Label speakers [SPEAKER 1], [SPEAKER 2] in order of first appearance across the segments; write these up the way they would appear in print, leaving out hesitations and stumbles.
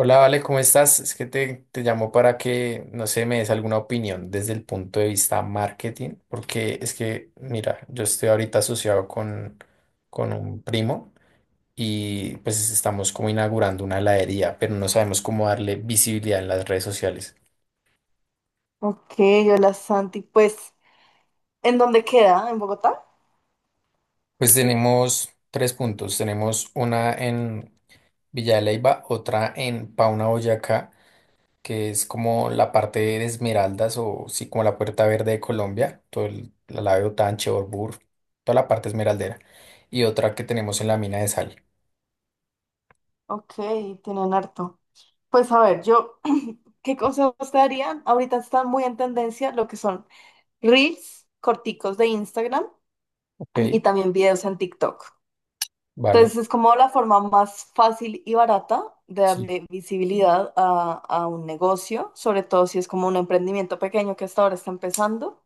[SPEAKER 1] Hola, Vale, ¿cómo estás? Es que te llamo para que, no sé, me des alguna opinión desde el punto de vista marketing, porque es que, mira, yo estoy ahorita asociado con un primo y pues estamos como inaugurando una heladería, pero no sabemos cómo darle visibilidad en las redes sociales.
[SPEAKER 2] Ok, hola Santi. Pues, ¿en dónde queda? ¿En Bogotá?
[SPEAKER 1] Pues tenemos tres puntos. Tenemos una en Villa de Leyva, otra en Pauna, Boyacá, que es como la parte de Esmeraldas o sí, como la Puerta Verde de Colombia, todo el, la Lave Otanche, Orbur, toda la parte esmeraldera. Y otra que tenemos en la mina de sal.
[SPEAKER 2] Ok, tienen harto. Pues a ver, yo, ¿qué consejos te darían? Ahorita están muy en tendencia lo que son reels corticos de Instagram,
[SPEAKER 1] Ok,
[SPEAKER 2] y también videos en TikTok.
[SPEAKER 1] vale.
[SPEAKER 2] Entonces es como la forma más fácil y barata de
[SPEAKER 1] Sí.
[SPEAKER 2] darle visibilidad a un negocio, sobre todo si es como un emprendimiento pequeño que hasta ahora está empezando.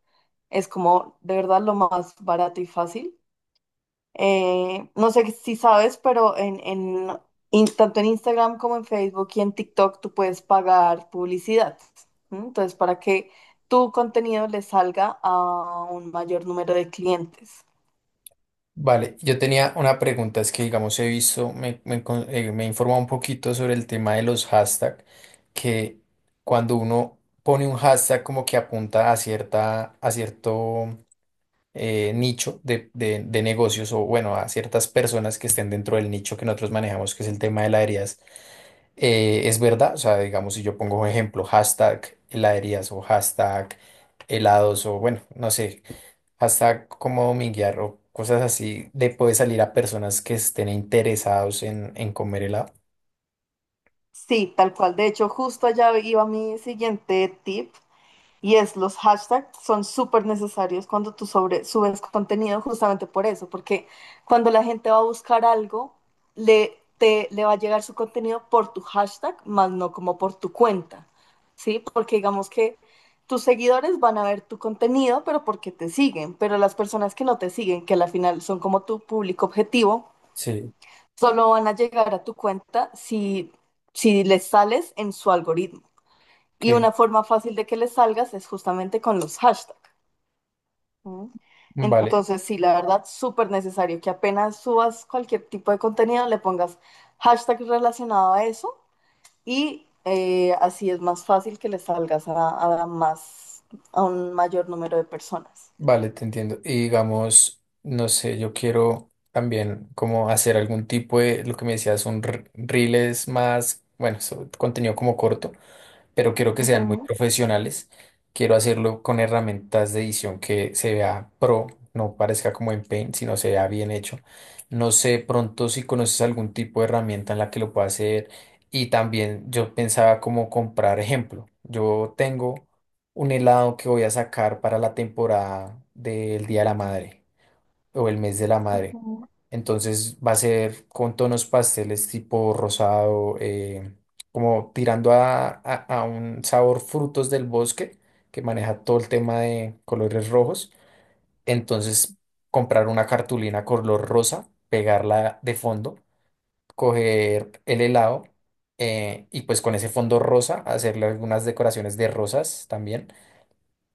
[SPEAKER 2] Es como de verdad lo más barato y fácil. No sé si sabes, pero en tanto en Instagram como en Facebook y en TikTok tú puedes pagar publicidad. ¿M? Entonces, para que tu contenido le salga a un mayor número de clientes.
[SPEAKER 1] Vale, yo tenía una pregunta, es que digamos he visto, me he informado un poquito sobre el tema de los hashtags, que cuando uno pone un hashtag como que apunta a cierta, a cierto nicho de negocios o bueno, a ciertas personas que estén dentro del nicho que nosotros manejamos, que es el tema de heladerías, es verdad. O sea, digamos, si yo pongo un ejemplo, hashtag heladerías o hashtag helados o bueno, no sé, hashtag como dominguear o cosas así, le puede salir a personas que estén interesados en comer helado.
[SPEAKER 2] Sí, tal cual. De hecho, justo allá iba mi siguiente tip. Y es, los hashtags son súper necesarios cuando tú sobre, subes contenido justamente por eso, porque cuando la gente va a buscar algo, le, te, le va a llegar su contenido por tu hashtag, más no como por tu cuenta, ¿sí? Porque digamos que tus seguidores van a ver tu contenido, pero porque te siguen, pero las personas que no te siguen, que al final son como tu público objetivo,
[SPEAKER 1] Sí,
[SPEAKER 2] solo van a llegar a tu cuenta si les sales en su algoritmo. Y
[SPEAKER 1] ok,
[SPEAKER 2] una forma fácil de que les salgas es justamente con los hashtags. ¿No?
[SPEAKER 1] vale.
[SPEAKER 2] Entonces, sí, la verdad, súper necesario que apenas subas cualquier tipo de contenido, le pongas hashtag relacionado a eso y así es más fácil que le salgas a más, a un mayor número de personas.
[SPEAKER 1] Vale, te entiendo. Y digamos, no sé, yo quiero también como hacer algún tipo de, lo que me decías, reels más, bueno, so- contenido como corto, pero quiero que sean muy
[SPEAKER 2] Ujú,
[SPEAKER 1] profesionales. Quiero hacerlo con herramientas de edición que se vea pro, no parezca como en Paint, sino se vea bien hecho. No sé pronto si conoces algún tipo de herramienta en la que lo pueda hacer. Y también yo pensaba como comprar ejemplo. Yo tengo un helado que voy a sacar para la temporada del Día de la Madre o el mes de la madre.
[SPEAKER 2] ujú,
[SPEAKER 1] Entonces va a ser con tonos pasteles tipo rosado, como tirando a, a un sabor frutos del bosque, que maneja todo el tema de colores rojos. Entonces comprar una cartulina color rosa, pegarla de fondo, coger el helado, y pues con ese fondo rosa hacerle algunas decoraciones de rosas también,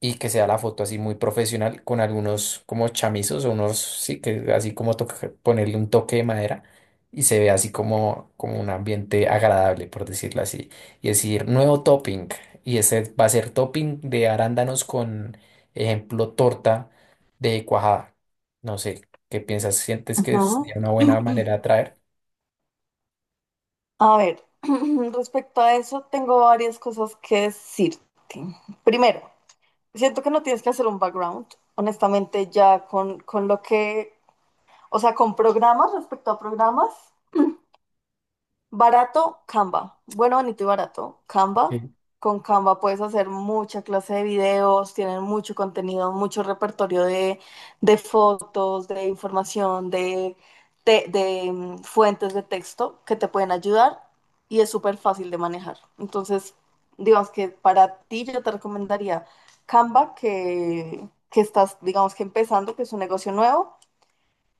[SPEAKER 1] y que sea la foto así muy profesional con algunos como chamizos o unos, sí, que así como toca- ponerle un toque de madera y se ve así como, como un ambiente agradable, por decirlo así. Y decir, nuevo topping. Y ese va a ser topping de arándanos con, ejemplo, torta de cuajada. No sé, ¿qué piensas? ¿Sientes que sería
[SPEAKER 2] ujú.
[SPEAKER 1] una buena manera de atraer?
[SPEAKER 2] A ver, respecto a eso, tengo varias cosas que decirte. Primero, siento que no tienes que hacer un background, honestamente, ya con lo que, o sea, con programas respecto a programas. Barato, Canva. Bueno, bonito y barato, Canva.
[SPEAKER 1] Ok.
[SPEAKER 2] Con Canva puedes hacer mucha clase de videos, tienen mucho contenido, mucho repertorio de fotos, de información, de fuentes de texto que te pueden ayudar y es súper fácil de manejar. Entonces, digamos que para ti yo te recomendaría Canva, que estás, digamos que empezando, que es un negocio nuevo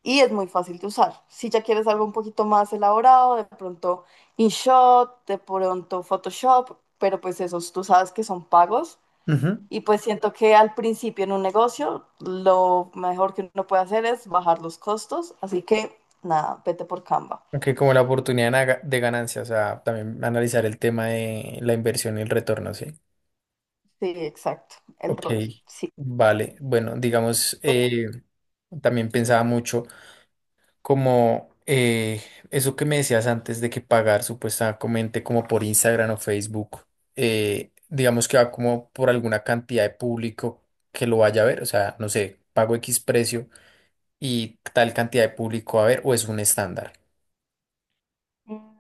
[SPEAKER 2] y es muy fácil de usar. Si ya quieres algo un poquito más elaborado, de pronto InShot, de pronto Photoshop, pero pues esos tú sabes que son pagos.
[SPEAKER 1] Ujú.
[SPEAKER 2] Y pues siento que al principio en un negocio lo mejor que uno puede hacer es bajar los costos. Así que nada, vete por Canva.
[SPEAKER 1] Ok, como la oportunidad de na- de ganancia, o sea, también analizar el tema de la inversión y el retorno, ¿sí?
[SPEAKER 2] Sí, exacto, el
[SPEAKER 1] Ok,
[SPEAKER 2] ROI, sí.
[SPEAKER 1] vale. Bueno, digamos, también pensaba mucho como eso que me decías antes de que pagar supuestamente como por Instagram o Facebook, digamos que va como por alguna cantidad de público que lo vaya a ver, o sea, no sé, pago X precio y tal cantidad de público va a ver o es un estándar.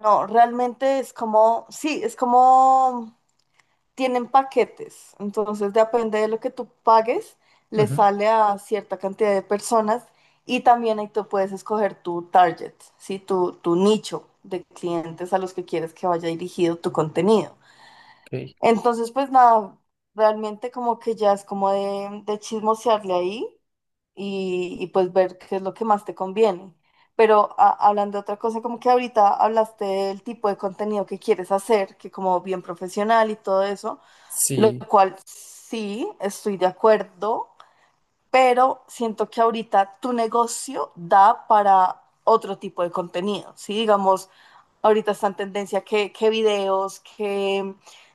[SPEAKER 2] No, realmente es como, sí, es como tienen paquetes, entonces depende de lo que tú pagues, le
[SPEAKER 1] Ujú,
[SPEAKER 2] sale a cierta cantidad de personas y también ahí tú puedes escoger tu target, ¿sí? Tu nicho de clientes a los que quieres que vaya dirigido tu contenido.
[SPEAKER 1] ok.
[SPEAKER 2] Entonces, pues nada, realmente como que ya es como de chismosearle ahí y pues ver qué es lo que más te conviene. Pero hablando de otra cosa, como que ahorita hablaste del tipo de contenido que quieres hacer, que como bien profesional y todo eso. Lo
[SPEAKER 1] Sí.
[SPEAKER 2] cual sí, estoy de acuerdo, pero siento que ahorita tu negocio da para otro tipo de contenido, ¿sí? Digamos, ahorita está en tendencia que videos, que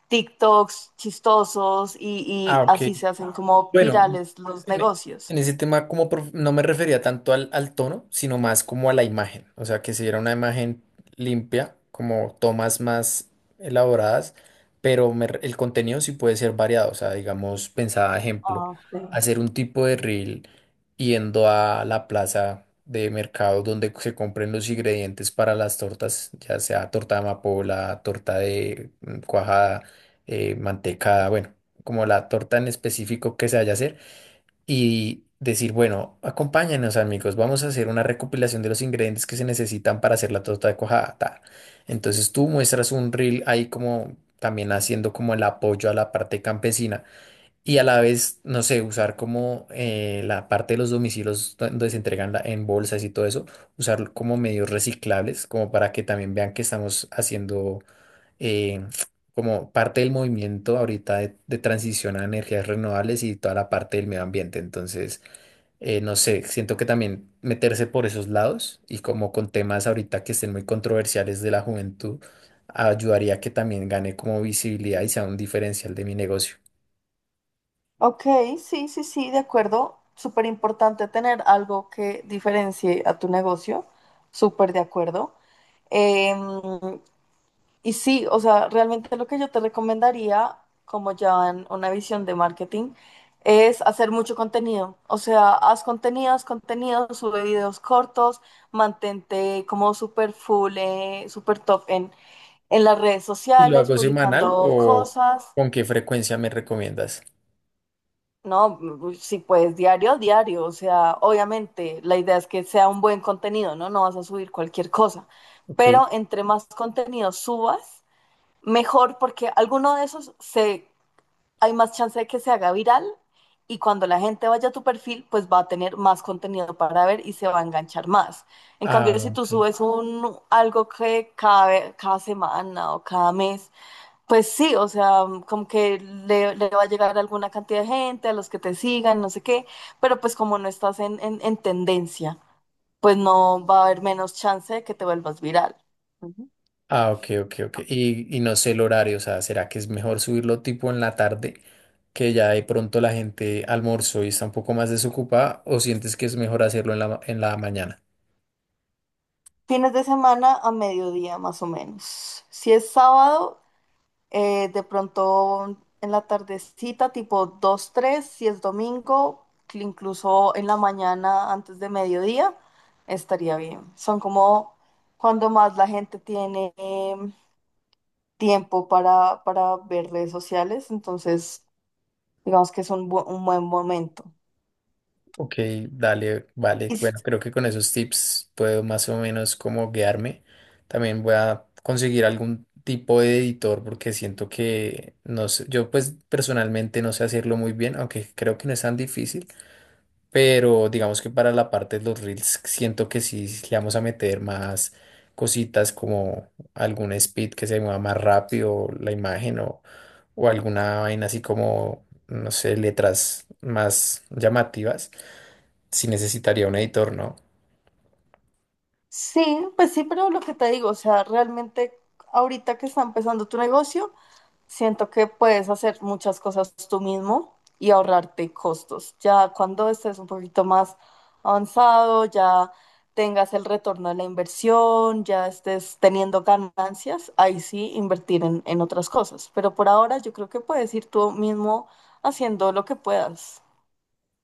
[SPEAKER 2] TikToks chistosos
[SPEAKER 1] Ah,
[SPEAKER 2] y
[SPEAKER 1] ok.
[SPEAKER 2] así se hacen como
[SPEAKER 1] Bueno,
[SPEAKER 2] virales los
[SPEAKER 1] en, e-
[SPEAKER 2] negocios.
[SPEAKER 1] en ese tema como prof- no me refería tanto al, al tono, sino más como a la imagen. O sea, que si era una imagen limpia, como tomas más elaboradas, pero me re- el contenido sí puede ser variado. O sea, digamos, pensaba, ejemplo,
[SPEAKER 2] Ah, okay.
[SPEAKER 1] hacer un tipo de reel yendo a la plaza de mercado donde se compren los ingredientes para las tortas, ya sea torta de amapola, torta de cuajada, mantecada, bueno, como la torta en específico que se vaya a hacer y decir, bueno, acompáñenos amigos, vamos a hacer una recopilación de los ingredientes que se necesitan para hacer la torta de cuajada. Ta". Entonces tú muestras un reel ahí como también haciendo como el apoyo a la parte campesina y a la vez, no sé, usar como la parte de los domicilios do- donde se entregan la- en bolsas y todo eso, usar como medios reciclables, como para que también vean que estamos haciendo eh, como parte del movimiento ahorita de transición a energías renovables y toda la parte del medio ambiente. Entonces, no sé, siento que también meterse por esos lados y como con temas ahorita que estén muy controversiales de la juventud, ayudaría a que también gane como visibilidad y sea un diferencial de mi negocio.
[SPEAKER 2] Ok, sí, sí, sí, de acuerdo. Súper importante tener algo que diferencie a tu negocio. Súper de acuerdo. Em, Y sí, o sea, realmente lo que yo te recomendaría, como ya en una visión de marketing, es hacer mucho contenido. O sea, haz contenidos, contenidos, sube videos cortos, mantente como súper full, súper top en las redes
[SPEAKER 1] ¿Y lo
[SPEAKER 2] sociales,
[SPEAKER 1] hago semanal
[SPEAKER 2] publicando
[SPEAKER 1] o
[SPEAKER 2] cosas,
[SPEAKER 1] con qué frecuencia me recomiendas?
[SPEAKER 2] ¿no? Si puedes diario, diario. O sea, obviamente la idea es que sea un buen contenido, ¿no? No vas a subir cualquier cosa.
[SPEAKER 1] Ok.
[SPEAKER 2] Pero entre más contenido subas, mejor, porque alguno de esos se, hay más chance de que se haga viral y cuando la gente vaya a tu perfil, pues va a tener más contenido para ver y se va a enganchar más. En cambio, si
[SPEAKER 1] Ah,
[SPEAKER 2] tú
[SPEAKER 1] ok.
[SPEAKER 2] subes un, algo que cada semana o cada mes, pues sí, o sea, como que le va a llegar a alguna cantidad de gente, a los que te sigan, no sé qué, pero pues como no estás en tendencia, pues no va a haber menos chance de que te vuelvas viral.
[SPEAKER 1] Ah, ok, ok, ok. Y no sé el horario, o sea, ¿será que es mejor subirlo tipo en la tarde, que ya de pronto la gente almorzó y está un poco más desocupada, o sientes que es mejor hacerlo en la, ma- en la mañana?
[SPEAKER 2] Fines de semana a mediodía más o menos. Si es sábado, de pronto en la tardecita, tipo 2 3. Si es domingo, incluso en la mañana antes de mediodía, estaría bien. Son como cuando más la gente tiene tiempo para ver redes sociales, entonces digamos que es un, un buen momento.
[SPEAKER 1] Ok, dale,
[SPEAKER 2] Y
[SPEAKER 1] vale. Bueno,
[SPEAKER 2] s-
[SPEAKER 1] creo que con esos tips puedo más o menos como guiarme. También voy a conseguir algún tipo de editor porque siento que no sé, yo pues personalmente no sé hacerlo muy bien, aunque creo que no es tan difícil. Pero digamos que para la parte de los reels siento que sí le vamos a meter más cositas como algún speed que se mueva más rápido la imagen o alguna vaina así como, no sé, letras más llamativas. Si necesitaría un editor, ¿no?
[SPEAKER 2] sí, pues sí, pero lo que te digo, o sea, realmente ahorita que está empezando tu negocio, siento que puedes hacer muchas cosas tú mismo y ahorrarte costos. Ya cuando estés un poquito más avanzado, ya tengas el retorno de la inversión, ya estés teniendo ganancias, ahí sí invertir en otras cosas. Pero por ahora yo creo que puedes ir tú mismo haciendo lo que puedas.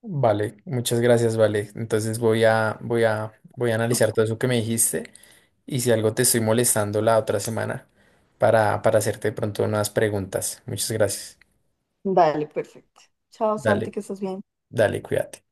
[SPEAKER 1] Vale, muchas gracias, vale. Entonces voy a analizar todo eso que me dijiste y si algo te estoy molestando la otra semana para hacerte de pronto unas preguntas. Muchas gracias.
[SPEAKER 2] Dale, perfecto. Chao, Santi,
[SPEAKER 1] Dale,
[SPEAKER 2] que estés bien.
[SPEAKER 1] dale, cuídate.